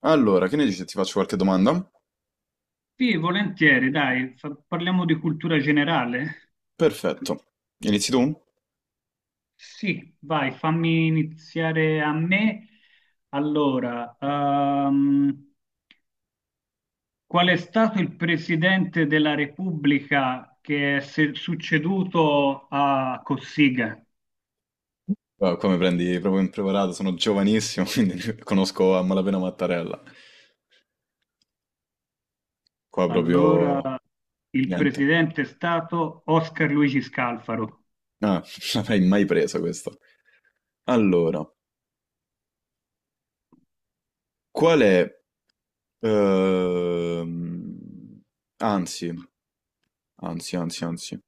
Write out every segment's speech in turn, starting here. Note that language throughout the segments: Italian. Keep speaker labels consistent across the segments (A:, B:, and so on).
A: Allora, che ne dici se ti faccio qualche domanda?
B: Sì, volentieri, dai, parliamo di cultura generale.
A: Perfetto. Inizi tu?
B: Sì, vai, fammi iniziare a me. Allora, qual è stato il presidente della Repubblica che è succeduto a Cossiga?
A: Ah, qua mi prendi proprio impreparato, sono giovanissimo, quindi conosco a malapena Mattarella. Qua proprio
B: Allora, il
A: niente.
B: presidente è stato Oscar Luigi Scalfaro.
A: Ah, non l'avrei mai preso questo. Allora, qual è... ehm, Anzi, anzi.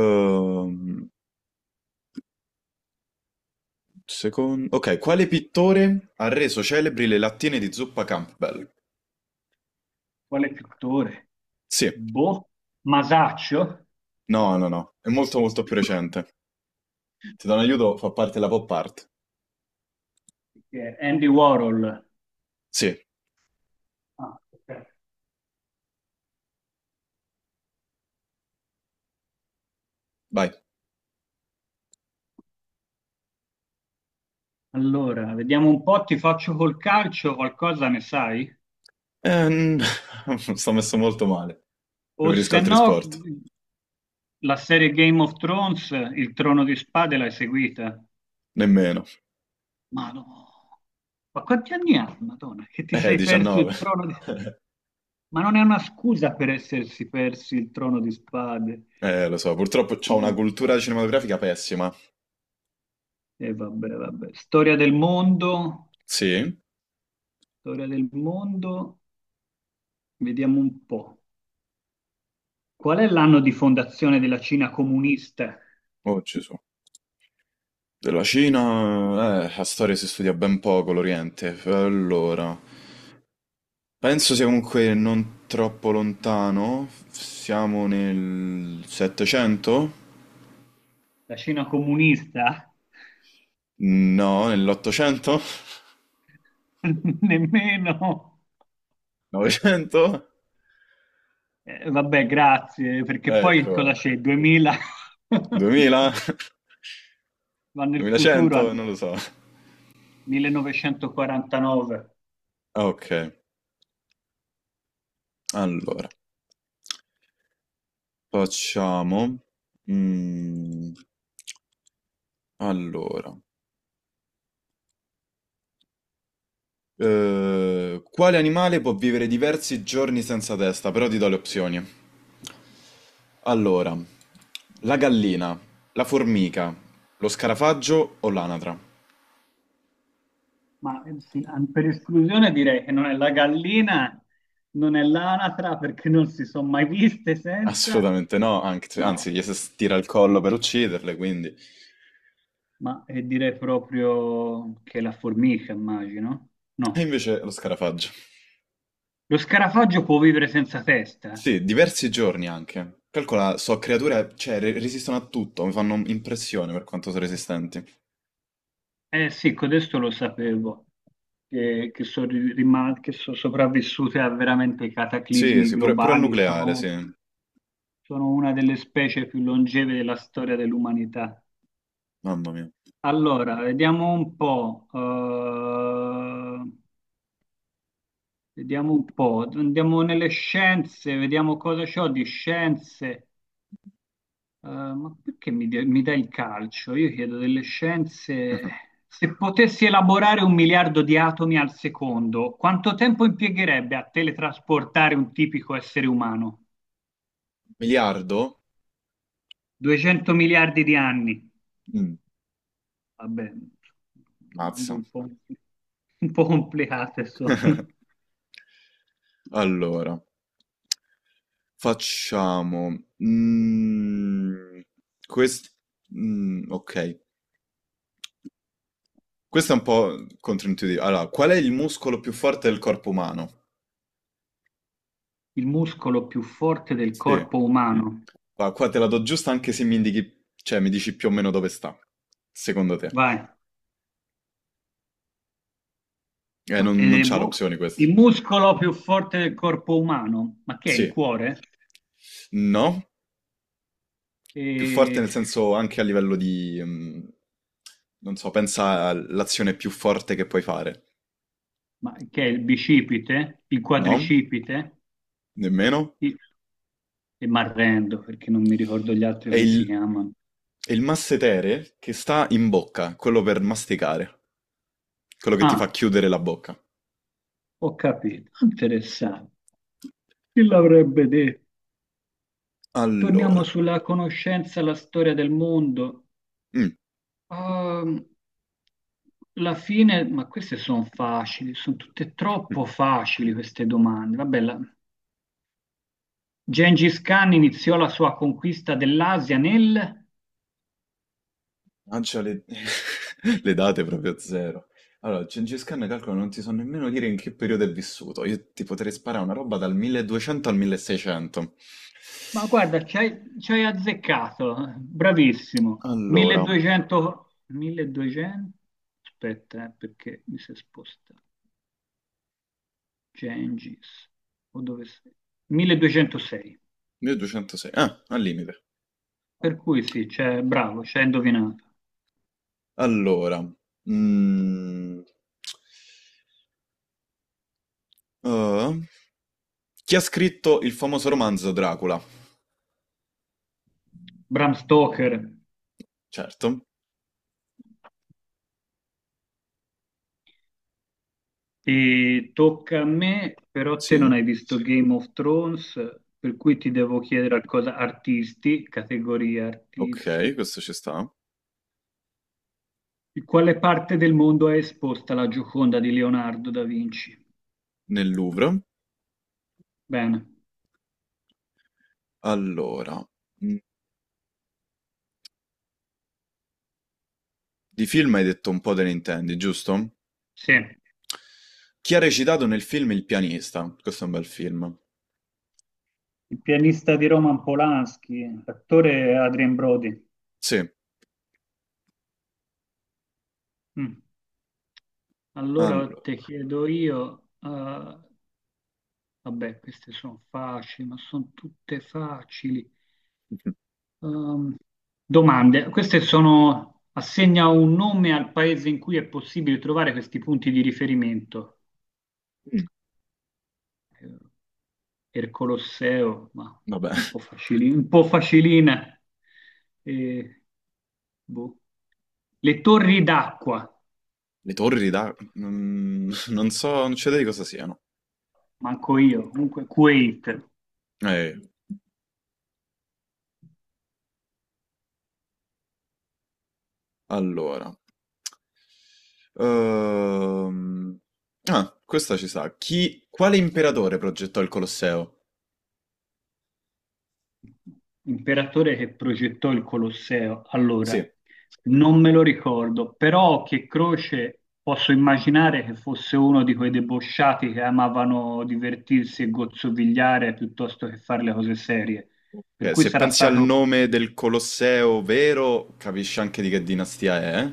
A: Ehm, Ok, quale pittore ha reso celebri le lattine di zuppa Campbell?
B: Quale pittore?
A: Sì,
B: Boh, Masaccio?
A: no, no, no, è molto molto più recente. Ti do un aiuto, fa parte della pop art.
B: Che è Andy Warhol.
A: Sì,
B: Ah, ok.
A: vai.
B: Allora, vediamo un po', ti faccio col calcio, qualcosa ne sai?
A: Ehm, sto messo molto male.
B: O
A: Preferisco
B: se
A: altri
B: no,
A: sport.
B: la serie Game of Thrones, il Trono di Spade, l'hai seguita?
A: Nemmeno.
B: Ma no, ma quanti anni ha, Madonna, che ti sei perso il
A: 19.
B: Trono di... Ma non è una scusa per essersi persi il Trono di Spade.
A: Lo so, purtroppo ho una
B: Un
A: cultura
B: po'.
A: cinematografica pessima.
B: E vabbè, vabbè.
A: Sì?
B: Storia del mondo, vediamo un po'. Qual è l'anno di fondazione della Cina comunista?
A: Oh, Gesù. Della Cina, la storia si studia ben poco, l'Oriente. Allora, penso sia comunque non troppo lontano. Siamo nel 700?
B: La Cina comunista?
A: No, nell'800?
B: Nemmeno.
A: 900?
B: Vabbè, grazie, perché poi cosa
A: Ecco.
B: c'è? 2000? Non
A: 2000?
B: so. Va nel futuro
A: 2100? Non
B: allora,
A: lo so.
B: 1949.
A: Ah, ok, allora facciamo. mm, allora, quale animale può vivere diversi giorni senza testa? Però ti do le opzioni. Allora, la gallina, la formica, lo scarafaggio o l'anatra?
B: Ma sì, per esclusione direi che non è la gallina, non è l'anatra, perché non si sono mai viste senza,
A: Assolutamente no,
B: ma,
A: anzi, gli si stira il collo per ucciderle, quindi.
B: ma, direi proprio che la formica, immagino.
A: E
B: No.
A: invece lo scarafaggio.
B: Lo scarafaggio può vivere senza testa?
A: Sì, diversi giorni anche. Calcola, so creature, cioè, resistono a tutto, mi fanno impressione per quanto sono resistenti.
B: Eh sì, codesto lo sapevo, che sono sopravvissute a veramente
A: Sì,
B: cataclismi
A: sì, pure, pure al
B: globali,
A: nucleare, sì.
B: sono una delle specie più longeve della storia dell'umanità.
A: Mamma mia.
B: Allora, vediamo un po', andiamo nelle scienze, vediamo cosa c'ho di scienze. Ma perché mi dai il calcio? Io chiedo delle scienze. Se potessi elaborare un miliardo di atomi al secondo, quanto tempo impiegherebbe a teletrasportare un tipico essere umano?
A: Miliardo?
B: 200 miliardi di anni.
A: Mm,
B: Vabbè, domande
A: mazza.
B: un po' complicate sono.
A: Allora, facciamo... mm, quest- ok, questo è un po' controintuitivo. Allora, qual è il muscolo più forte del corpo umano?
B: Il muscolo più forte del
A: Sì.
B: corpo umano.
A: Qua, qua te la do giusta anche se mi indichi, cioè mi dici più o meno dove sta, secondo te.
B: Vai. Ma,
A: Non c'ha
B: boh.
A: l'opzione questo.
B: Il muscolo più forte del corpo umano. Ma che è il
A: Sì,
B: cuore?
A: no, più forte
B: Eh,
A: nel senso anche a livello di, non so, pensa all'azione più forte che puoi fare.
B: ma che è il bicipite, il
A: No,
B: quadricipite,
A: nemmeno.
B: il- e m'arrendo perché non mi ricordo gli altri
A: È
B: come si chiamano.
A: è il massetere che sta in bocca, quello per masticare, quello che ti fa
B: Ah,
A: chiudere la bocca.
B: ho capito, interessante. Chi l'avrebbe detto? Torniamo
A: Allora,
B: sulla conoscenza, la storia del mondo.
A: mm,
B: Ehm, Alla fine, ma queste sono facili, sono tutte
A: mm.
B: troppo facili queste domande. Vabbè, Gengis Khan iniziò la sua conquista dell'Asia nel...
A: Lancia le, le date proprio a zero. Allora, Gengis Khan, calcolo, non ti so nemmeno dire in che periodo è vissuto. Io ti potrei sparare una roba dal 1200 al 1600.
B: Ma guarda, ci hai azzeccato, bravissimo.
A: Allora,
B: 1200, 1200, aspetta, perché mi si è spostato. Gengis, o dove sei? 1206.
A: 1206. Ah, al limite.
B: Per cui sì, c'è, bravo, ci hai indovinato.
A: Allora, mm, eh, Chi ha scritto il famoso romanzo Dracula?
B: Bram Stoker,
A: Certo,
B: e tocca a me, però te non
A: sì.
B: hai visto Game of Thrones, per cui ti devo chiedere a cosa artisti, categoria
A: Ok,
B: artisti.
A: questo ci sta.
B: In quale parte del mondo è esposta la Gioconda di Leonardo da Vinci?
A: Nel Louvre.
B: Bene,
A: Allora, mm, di film hai detto un po' te ne intendi, giusto?
B: sì. Il
A: Chi ha recitato nel film Il pianista? Questo è un bel film.
B: pianista di Roman Polanski, l'attore è Adrien Brody.
A: Sì,
B: Mm. Allora
A: allo-
B: te chiedo io, vabbè, queste sono facili, ma sono tutte facili. Ehm, Domande, queste sono... Assegna un nome al paese in cui è possibile trovare questi punti di riferimento.
A: mm,
B: Eh, il Colosseo, ma
A: vabbè,
B: un po' facilina. E, boh. Le torri d'acqua,
A: le torri da... non so, non c'è idea di cosa siano.
B: manco io, comunque Quake,
A: Eh, allora... Ehm, Ah, questa ci sa. Quale imperatore progettò il Colosseo?
B: imperatore che progettò il Colosseo. Allora,
A: Sì,
B: non me lo ricordo, però che Croce posso immaginare che fosse uno di quei debosciati che amavano divertirsi e gozzovigliare piuttosto che fare le cose serie. Per cui
A: se
B: sarà
A: pensi al
B: stato.
A: nome del Colosseo vero, capisci anche di che dinastia è, eh?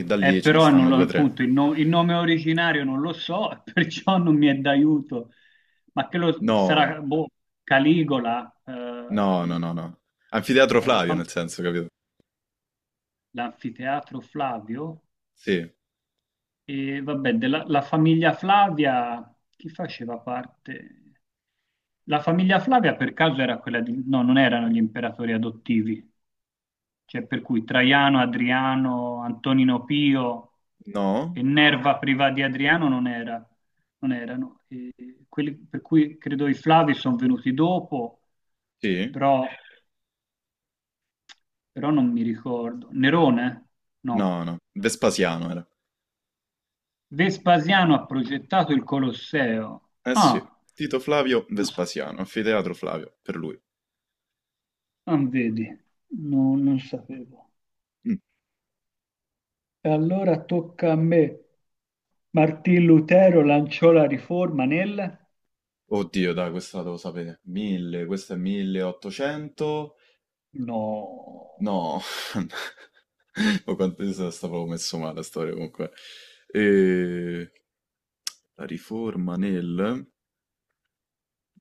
A: E da lì ce ne
B: Però non
A: stanno
B: lo-
A: due o tre.
B: appunto il nome originario non lo so, perciò non mi è d'aiuto. Ma che lo
A: No.
B: sarà boh, Caligola,
A: No, no, no, no. Anfiteatro
B: eh,
A: Flavio,
B: fam-
A: nel senso, capito?
B: l'anfiteatro Flavio
A: Sì.
B: e vabbè, la famiglia Flavia, chi faceva parte? La famiglia Flavia per caso era quella di... No, non erano gli imperatori adottivi. Cioè, per cui Traiano, Adriano, Antonino Pio
A: No?
B: e Nerva privati di Adriano non erano. E quelli per cui credo i Flavi sono venuti dopo,
A: Sì?
B: però, però non mi ricordo. Nerone? No.
A: No, no. Vespasiano era.
B: Vespasiano ha progettato il Colosseo.
A: Eh sì.
B: Ah,
A: Tito Flavio
B: non so-
A: Vespasiano, anfiteatro Flavio, per lui.
B: ah, vedi, no, non sapevo.
A: Mm.
B: E allora tocca a me. Martin Lutero lanciò la riforma nel...
A: Oddio, dai, questa devo sapere. 1000, questo è 1800.
B: No,
A: No. O quanto io stavo messo male la storia comunque. E... La riforma nel...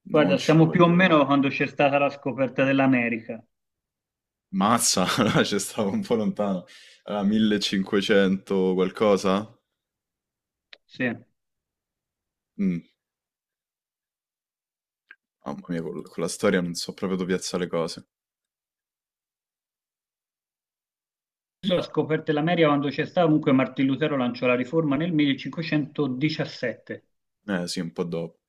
A: Non
B: guarda,
A: ce
B: siamo
A: l'ho
B: più o
A: idea.
B: meno quando c'è stata la scoperta dell'America.
A: Mazza, allora ci stavo un po' lontano. Allora, 1500 qualcosa?
B: Sì.
A: Mm, mamma mia, con, la storia non so proprio dove piazzare le cose.
B: La scoperta dell'America quando c'è stata, comunque Martin Lutero lanciò la riforma nel 1517.
A: Eh sì, un po' dopo.